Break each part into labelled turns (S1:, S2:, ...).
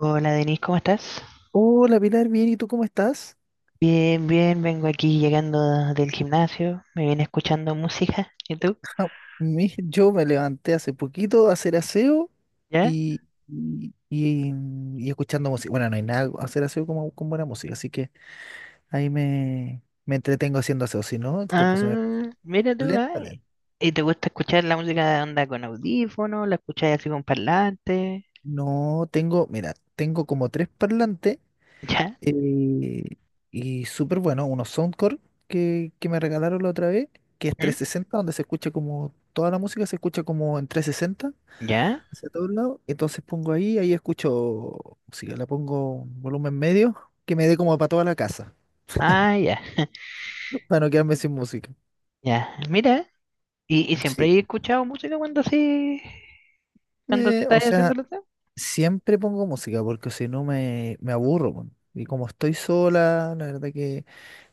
S1: Hola Denise, ¿cómo estás?
S2: Hola Pilar, bien, ¿y tú cómo estás?
S1: Bien, bien, vengo aquí llegando del gimnasio, me viene escuchando música. ¿Y tú?
S2: Yo me levanté hace poquito a hacer aseo
S1: ¿Ya?
S2: y, y, y- y escuchando música. Bueno, no hay nada, hacer aseo como, con buena música, así que ahí me entretengo haciendo aseo, si no, el tiempo se me pasa
S1: Ah, mira tú, ah,
S2: lentamente.
S1: ¿y te gusta escuchar la música de onda con audífono? ¿La escuchas así con parlante?
S2: No tengo, mira, tengo como tres parlantes
S1: ¿Ya?
S2: eh, y súper bueno, unos Soundcore que me regalaron la otra vez, que es
S1: ¿Mm?
S2: 360, donde se escucha como, toda la música se escucha como en 360,
S1: ¿Ya?
S2: hacia todos lados. Entonces pongo ahí, ahí escucho música, la pongo en volumen medio, que me dé como para toda la casa,
S1: Ah, ya,
S2: para no quedarme sin música.
S1: ya. Mira, y siempre
S2: Sí.
S1: he escuchado música cuando así, cuando
S2: O
S1: estás haciendo
S2: sea,
S1: lo que-
S2: siempre pongo música porque si no me aburro, po. Y como estoy sola, la verdad que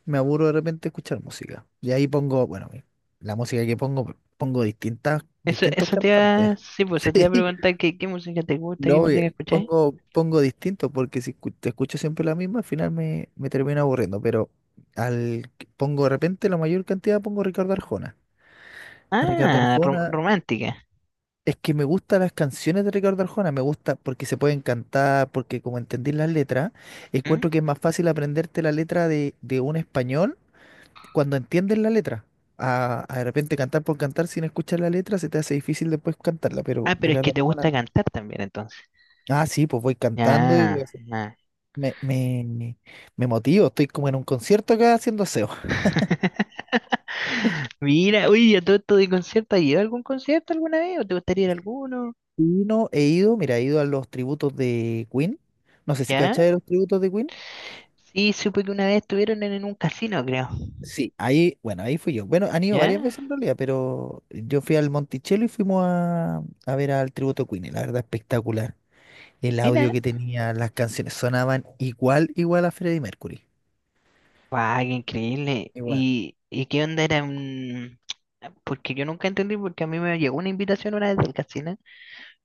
S2: me aburro de repente escuchar música. Y ahí pongo, bueno, la música que pongo, pongo
S1: Eso,
S2: distintos
S1: eso te
S2: cantantes.
S1: iba, sí, pues
S2: Sí.
S1: eso te iba a preguntar qué, música te gusta, qué
S2: No,
S1: música escuchas.
S2: pongo, pongo distinto porque si escu- te escucho siempre la misma, al final me termina aburriendo, pero al que pongo de repente la mayor cantidad pongo Ricardo Arjona. A Ricardo
S1: Ah,
S2: Arjona,
S1: romántica.
S2: es que me gustan las canciones de Ricardo Arjona, me gusta porque se pueden cantar, porque como entendí las letras,
S1: ¿Mm?
S2: encuentro que es más fácil aprenderte la letra de un español cuando entiendes la letra. A de repente cantar por cantar sin escuchar la letra se te hace difícil después cantarla, pero
S1: Ah, pero es
S2: Ricardo
S1: que te gusta
S2: Arjona,
S1: cantar también, entonces.
S2: ah sí, pues voy cantando y voy.
S1: Ya, ya.
S2: Me, me, me motivo, estoy como en un concierto acá haciendo aseo.
S1: Mira, uy, a todo esto de concierto, ¿has ido a algún concierto alguna vez? ¿O te gustaría ir a alguno?
S2: Y no he ido, mira, he ido a los tributos de Queen. No sé si
S1: ¿Ya?
S2: cachai de los tributos de Queen.
S1: Sí, supe que una vez estuvieron en un casino, creo.
S2: Sí, ahí, bueno, ahí fui yo. Bueno, han ido
S1: ¿Ya?
S2: varias veces en realidad, pero yo fui al Monticello y fuimos a ver al tributo Queen. Y la verdad, espectacular. El audio
S1: Mira.
S2: que tenía, las canciones sonaban igual, igual a Freddie Mercury.
S1: ¡Guau, qué increíble!
S2: Igual.
S1: ¿Y qué onda era? Porque yo nunca entendí, porque a mí me llegó una invitación una vez del casino,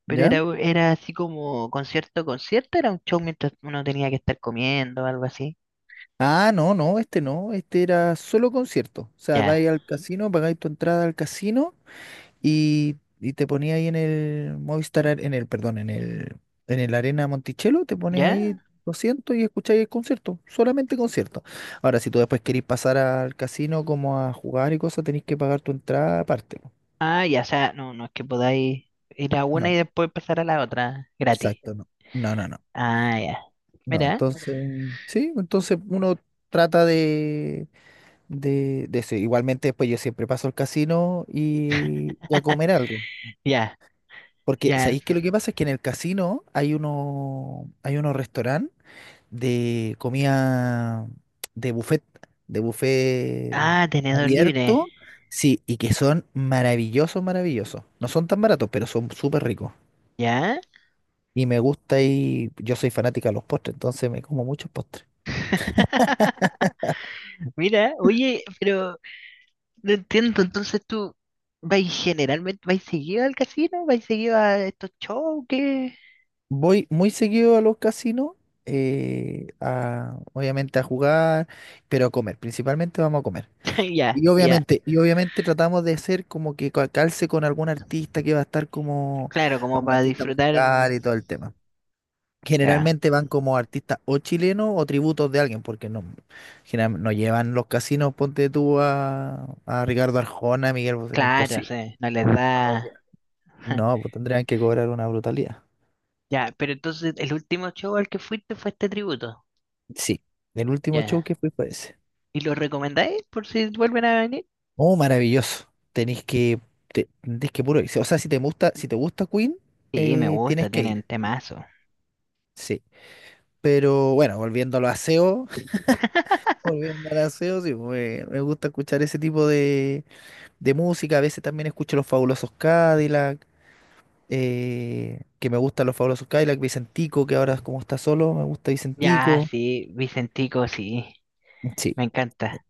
S1: pero
S2: ¿Ya?
S1: era, era así como concierto, concierto, era un show mientras uno tenía que estar comiendo, algo así.
S2: Ah, no, no, este no, este era solo concierto. O sea,
S1: ¿Ya?
S2: vais al casino, pagáis tu entrada al casino y te ponías ahí en el Movistar, Ar- en el, perdón, en el Arena Monticello, te pones ahí
S1: ¿Ya?
S2: 200 y escucháis el concierto, solamente concierto. Ahora, si tú después querés pasar al casino como a jugar y cosas, tenés que pagar tu entrada aparte, po.
S1: Ah, ya, o sea, no, no es que podáis ir a una
S2: No,
S1: y después pasar a la otra, gratis.
S2: exacto, no. No, no, no.
S1: Ah, ya.
S2: No,
S1: Mira,
S2: entonces, sí, entonces uno trata de eso. Igualmente después yo siempre paso al casino y a comer algo.
S1: ya,
S2: Porque,
S1: ya.
S2: ¿sabéis que lo que pasa es que en el casino hay uno, hay unos restaurantes de comida de buffet, de buffet
S1: Ah, tenedor libre.
S2: abierto, sí, y que son maravillosos, maravillosos. No son tan baratos, pero son súper ricos.
S1: ¿Ya?
S2: Y me gusta y yo soy fanática de los postres, entonces me como muchos postres.
S1: Mira, oye, pero no entiendo, entonces tú vais generalmente, vais seguido al casino, vais seguido a estos shows que...
S2: Voy muy seguido a los casinos, obviamente a jugar, pero a comer. Principalmente vamos a comer.
S1: Ya, ya.
S2: Y obviamente tratamos de hacer como que calce con algún artista que va a estar como
S1: Claro, como
S2: algún
S1: para
S2: artista
S1: disfrutar.
S2: musical y todo el tema.
S1: Ya,
S2: Generalmente van como artistas o chilenos o tributos de alguien, porque no, no llevan los casinos, ponte tú a Ricardo Arjona, a Miguel Bosé,
S1: claro,
S2: imposible.
S1: sí, no les
S2: No, lo
S1: da...
S2: llevan. No, pues tendrían que cobrar una brutalidad.
S1: Ya, pero entonces el último show al que fuiste fue este tributo.
S2: Sí, el último show que
S1: Ya.
S2: fui fue ese.
S1: ¿Y los recomendáis por si vuelven a venir?
S2: Oh, maravilloso. Tenéis que, tenés que puro ir. O sea, si te gusta, si te gusta Queen,
S1: Sí, me
S2: tienes
S1: gusta,
S2: que
S1: tienen
S2: ir.
S1: temazo.
S2: Sí. Pero bueno, volviendo a los aseos, volviendo al aseo, sí, me gusta escuchar ese tipo de música. A veces también escucho los Fabulosos Cadillac, que me gustan los Fabulosos Cadillac, Vicentico, que ahora como está solo, me gusta
S1: Ya,
S2: Vicentico.
S1: sí, Vicentico, sí,
S2: Sí,
S1: me
S2: e,
S1: encanta.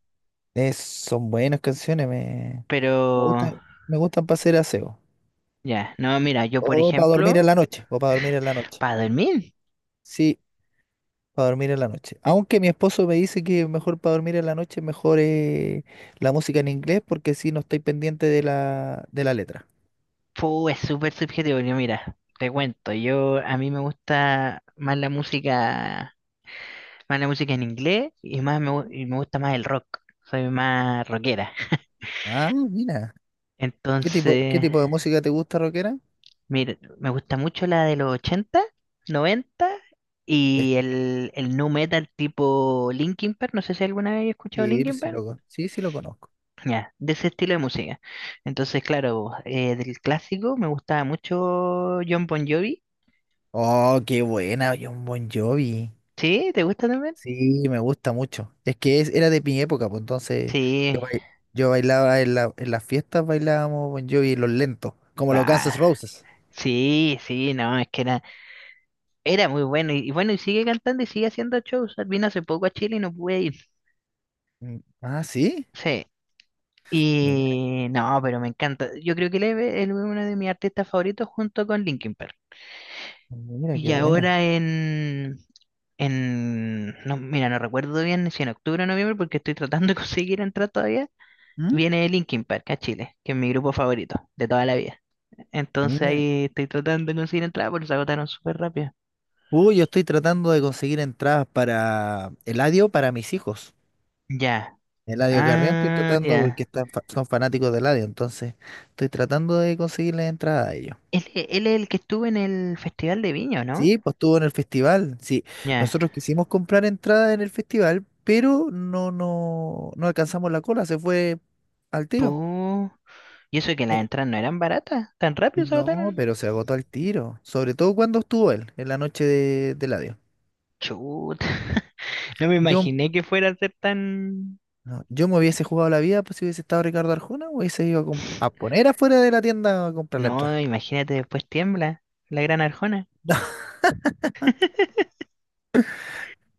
S2: son buenas canciones,
S1: Pero,
S2: me gustan, me gustan para hacer aseo.
S1: ya, no, mira, yo por
S2: O para dormir en
S1: ejemplo,
S2: la noche, o para dormir en la noche.
S1: para dormir,
S2: Sí. Para dormir en la noche. Aunque mi esposo me dice que mejor para dormir en la noche, mejor la música en inglés, porque si no estoy pendiente de de la letra.
S1: fu, es súper subjetivo. Yo, mira, te cuento, yo a mí me gusta más la música en inglés y y me gusta más el rock. Soy más rockera.
S2: Ah, mira. Qué
S1: Entonces,
S2: tipo de música te gusta, rockera?
S1: mire, me gusta mucho la de los 80 90
S2: Es-
S1: y el nu metal tipo Linkin Park. No sé si alguna vez he escuchado
S2: Sí,
S1: Linkin Park.
S2: sí, sí lo conozco.
S1: Ya, de ese estilo de música. Entonces, claro, del clásico me gustaba mucho John Bon Jovi.
S2: Oh, qué buena, John Bon Jovi.
S1: ¿Sí? ¿Te gusta también?
S2: Sí, me gusta mucho. Es que era de mi época, pues entonces yo,
S1: Sí.
S2: bai- yo bailaba en las fiestas, bailábamos Bon Jovi los lentos, como los Guns
S1: Ah,
S2: N' Roses.
S1: sí, sí, no, es que era, muy bueno. Y bueno, y sigue cantando y sigue haciendo shows. Vino hace poco a Chile y no pude ir.
S2: Mm, ah, sí.
S1: Sí.
S2: Mira,
S1: Y no, pero me encanta. Yo creo que él es uno de mis artistas favoritos junto con Linkin Park.
S2: mira
S1: Y
S2: qué buena.
S1: ahora no, mira, no recuerdo bien si en octubre o noviembre, porque estoy tratando de conseguir entrar todavía, viene Linkin Park a Chile, que es mi grupo favorito de toda la vida. Entonces
S2: Mira.
S1: ahí estoy tratando de conseguir entrada porque se agotaron súper rápido.
S2: Uy, yo estoy tratando de conseguir entradas para Eladio para mis hijos.
S1: Ya,
S2: Eladio Carrión estoy
S1: ah,
S2: tratando porque
S1: ya.
S2: son fanáticos de Eladio, entonces estoy tratando de conseguirles entradas a ellos.
S1: Él es el que estuvo en el Festival de Viña, ¿o no?
S2: Sí, pues estuvo en el festival. Sí,
S1: Ya.
S2: nosotros quisimos comprar entradas en el festival, pero no, no, no alcanzamos la cola, se fue al tiro.
S1: Pu- Y eso que las
S2: Eh,
S1: entradas no eran baratas, tan rápido se
S2: No,
S1: agotaron.
S2: pero se agotó al tiro, sobre todo cuando estuvo él, en la noche de Eladio.
S1: Chut. No me
S2: Yo,
S1: imaginé que fuera a ser tan...
S2: No, yo me hubiese jugado la vida, pues si hubiese estado Ricardo Arjona, hubiese ido a poner afuera de la tienda a comprar la
S1: No,
S2: entrada.
S1: imagínate, después tiembla la Gran Arjona.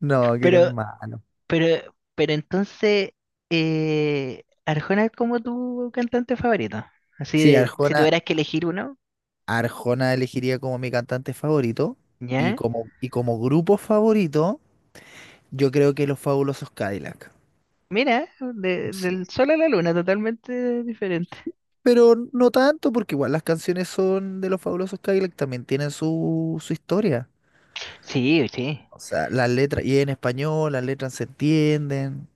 S2: No, que eres
S1: Pero,
S2: malo.
S1: pero entonces, Arjona es como tu cantante favorito. Así
S2: Sí,
S1: de, si
S2: Arjona,
S1: tuvieras que elegir uno,
S2: Arjona elegiría como mi cantante favorito
S1: ¿ya?
S2: y como grupo favorito, yo creo que Los Fabulosos Cadillac.
S1: Mira,
S2: Sí.
S1: del sol a la luna, totalmente diferente.
S2: Pero no tanto, porque igual las canciones son de Los Fabulosos Cadillac, también tienen su, su historia.
S1: Sí, sí,
S2: O sea, las letras, y en español, las letras se entienden.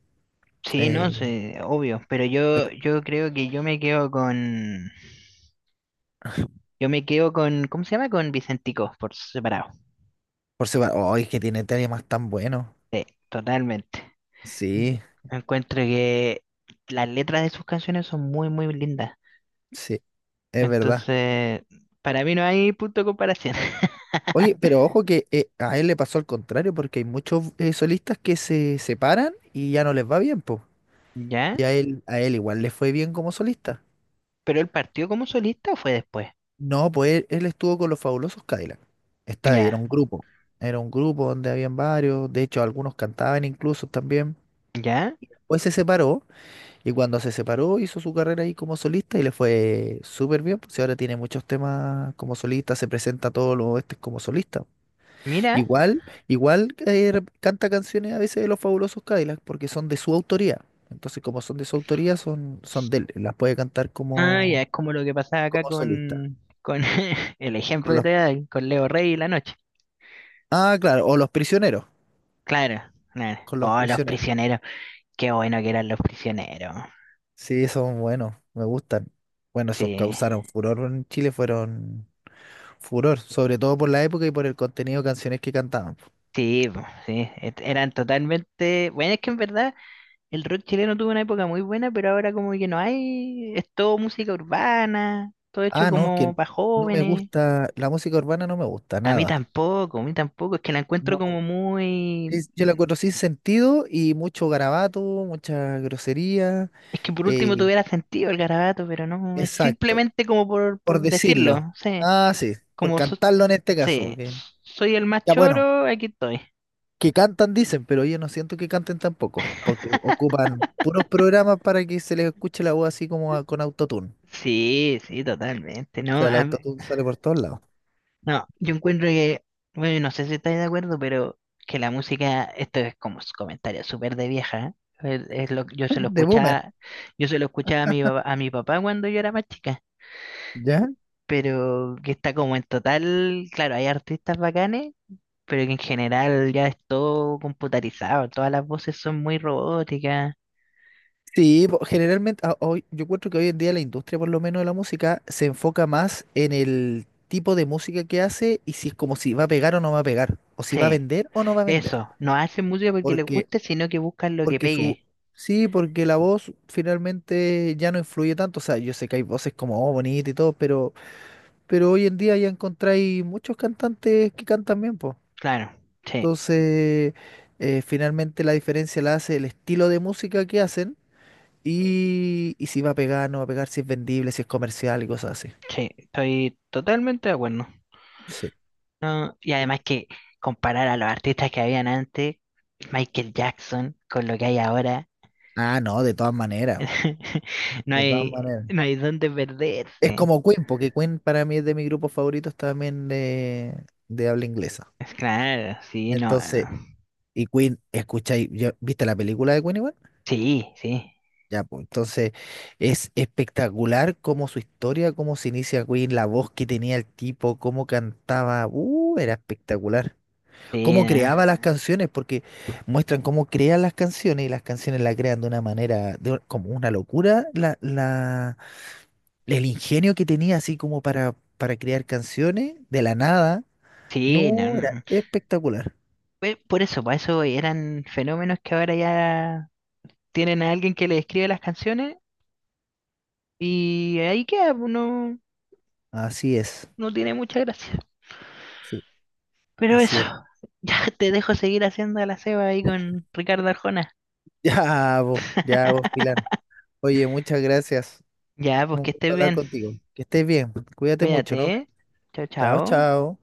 S1: sí, no
S2: Eh,
S1: sé, obvio. Pero yo creo que yo me quedo con, ¿cómo se llama? Con Vicentico, por separado.
S2: por separado, oh, es que tiene temas tan buenos.
S1: Totalmente.
S2: Sí,
S1: Encuentro que las letras de sus canciones son muy, muy lindas.
S2: sí, es verdad.
S1: Entonces, para mí no hay punto de comparación.
S2: Oye, pero ojo que a él le pasó al contrario, porque hay muchos solistas que se separan y ya no les va bien, pues.
S1: ¿Ya?
S2: Y a él igual le fue bien como solista.
S1: ¿Pero él partió como solista o fue después?
S2: No, pues él estuvo con los Fabulosos Cadillacs. Está ahí, era
S1: Ya,
S2: un grupo. Era un grupo donde habían varios, de hecho algunos cantaban incluso también.
S1: ya.
S2: Pues se separó y cuando se separó hizo su carrera ahí como solista y le fue súper bien, pues y ahora tiene muchos temas como solista, se presenta a todos los este como solista.
S1: Mira.
S2: Igual, igual canta canciones a veces de los Fabulosos Cadillacs porque son de su autoría. Entonces, como son de su autoría, son, son de él. Las puede cantar
S1: Ah, ya,
S2: como,
S1: es como lo que pasaba acá
S2: como solista.
S1: con, el ejemplo
S2: Con
S1: que
S2: los,
S1: te voy a dar, con Leo Rey y La Noche.
S2: ah, claro, o Los Prisioneros.
S1: Claro, claro.
S2: Con Los
S1: Oh, los
S2: Prisioneros.
S1: prisioneros. Qué bueno que eran los prisioneros.
S2: Sí, son buenos, me gustan. Bueno, esos
S1: Sí,
S2: causaron furor en Chile, fueron furor, sobre todo por la época y por el contenido de canciones que cantaban.
S1: sí, po, sí. Eran totalmente. Bueno, es que en verdad el rock chileno tuvo una época muy buena, pero ahora como que no hay, es todo música urbana, todo hecho
S2: Ah, no,
S1: como
S2: que
S1: para
S2: no me
S1: jóvenes.
S2: gusta, la música urbana no me gusta nada.
S1: A mí tampoco, es que la encuentro como
S2: No,
S1: muy...
S2: sí, yo la encuentro sin sentido y mucho garabato, mucha grosería.
S1: Es que por último
S2: eh,
S1: tuviera sentido el garabato, pero no, es
S2: exacto,
S1: simplemente como por,
S2: por
S1: por
S2: decirlo.
S1: decirlo, sí,
S2: Ah, sí, por
S1: como
S2: cantarlo en este caso,
S1: sí,
S2: porque
S1: soy el más
S2: ya bueno,
S1: choro, aquí estoy.
S2: que cantan dicen, pero yo no siento que canten tampoco, porque ocupan puros programas para que se les escuche la voz así como con autotune.
S1: Sí, sí, totalmente,
S2: O
S1: ¿no?
S2: sea, el autotune sale por todos lados.
S1: No, yo encuentro que, bueno, no sé si estáis de acuerdo, pero que la música, esto es como un comentario súper de vieja, ¿eh? Yo se lo
S2: De boomer,
S1: escuchaba, a mi papá cuando yo era más chica,
S2: ¿ya?
S1: pero que está como en total, claro, hay artistas bacanes, pero que en general ya es todo computarizado, todas las voces son muy robóticas.
S2: Sí, hoy, yo encuentro que hoy en día la industria, por lo menos de la música, se enfoca más en el tipo de música que hace y si es como si va a pegar o no va a pegar, o si va a
S1: Sí,
S2: vender o no va a vender.
S1: eso, no hacen música porque les
S2: Porque,
S1: guste, sino que buscan lo que
S2: porque su,
S1: pegue.
S2: sí, porque la voz finalmente ya no influye tanto. O sea, yo sé que hay voces como oh, bonita y todo, pero hoy en día ya encontráis muchos cantantes que cantan bien, pues.
S1: Claro, sí,
S2: Entonces, finalmente la diferencia la hace el estilo de música que hacen. Y si va a pegar, no va a pegar, si es vendible, si es comercial y cosas así.
S1: sí, estoy totalmente de acuerdo.
S2: Sí.
S1: No, y además que comparar a los artistas que habían antes, Michael Jackson, con lo que hay ahora,
S2: Ah, no, de todas maneras, po.
S1: no
S2: De todas
S1: hay,
S2: maneras.
S1: no hay dónde
S2: Es
S1: perderse.
S2: como Queen, porque Queen para mí es de mis grupos favoritos también de habla inglesa.
S1: Es claro, sí, no,
S2: Entonces,
S1: no.
S2: y Queen, escucháis, ¿viste la película de Queen igual?
S1: Sí, sí,
S2: Ya, pues entonces es espectacular como su historia, cómo se inicia Queen, la voz que tenía el tipo, cómo cantaba. Era espectacular.
S1: sí,
S2: Cómo
S1: no,
S2: creaba las canciones, porque muestran cómo crean las canciones y las canciones las crean de una manera, como una locura, el ingenio que tenía así como para crear canciones de la nada,
S1: sí, no.
S2: no, era
S1: No.
S2: espectacular.
S1: Pues por eso voy, eran fenómenos que ahora ya tienen a alguien que le escribe las canciones y ahí queda, pues, no,
S2: Así es,
S1: no tiene mucha gracia.
S2: sí,
S1: Pero
S2: así
S1: eso,
S2: es.
S1: ya te dejo seguir haciendo la ceba ahí con Ricardo Arjona.
S2: Ya vos, Pilar. Oye, muchas gracias.
S1: Ya, pues
S2: Un
S1: que
S2: gusto
S1: estés
S2: hablar
S1: bien.
S2: contigo. Que estés bien, cuídate mucho, nos
S1: Cuídate,
S2: vemos.
S1: ¿eh? Chao,
S2: Chao,
S1: chao.
S2: chao.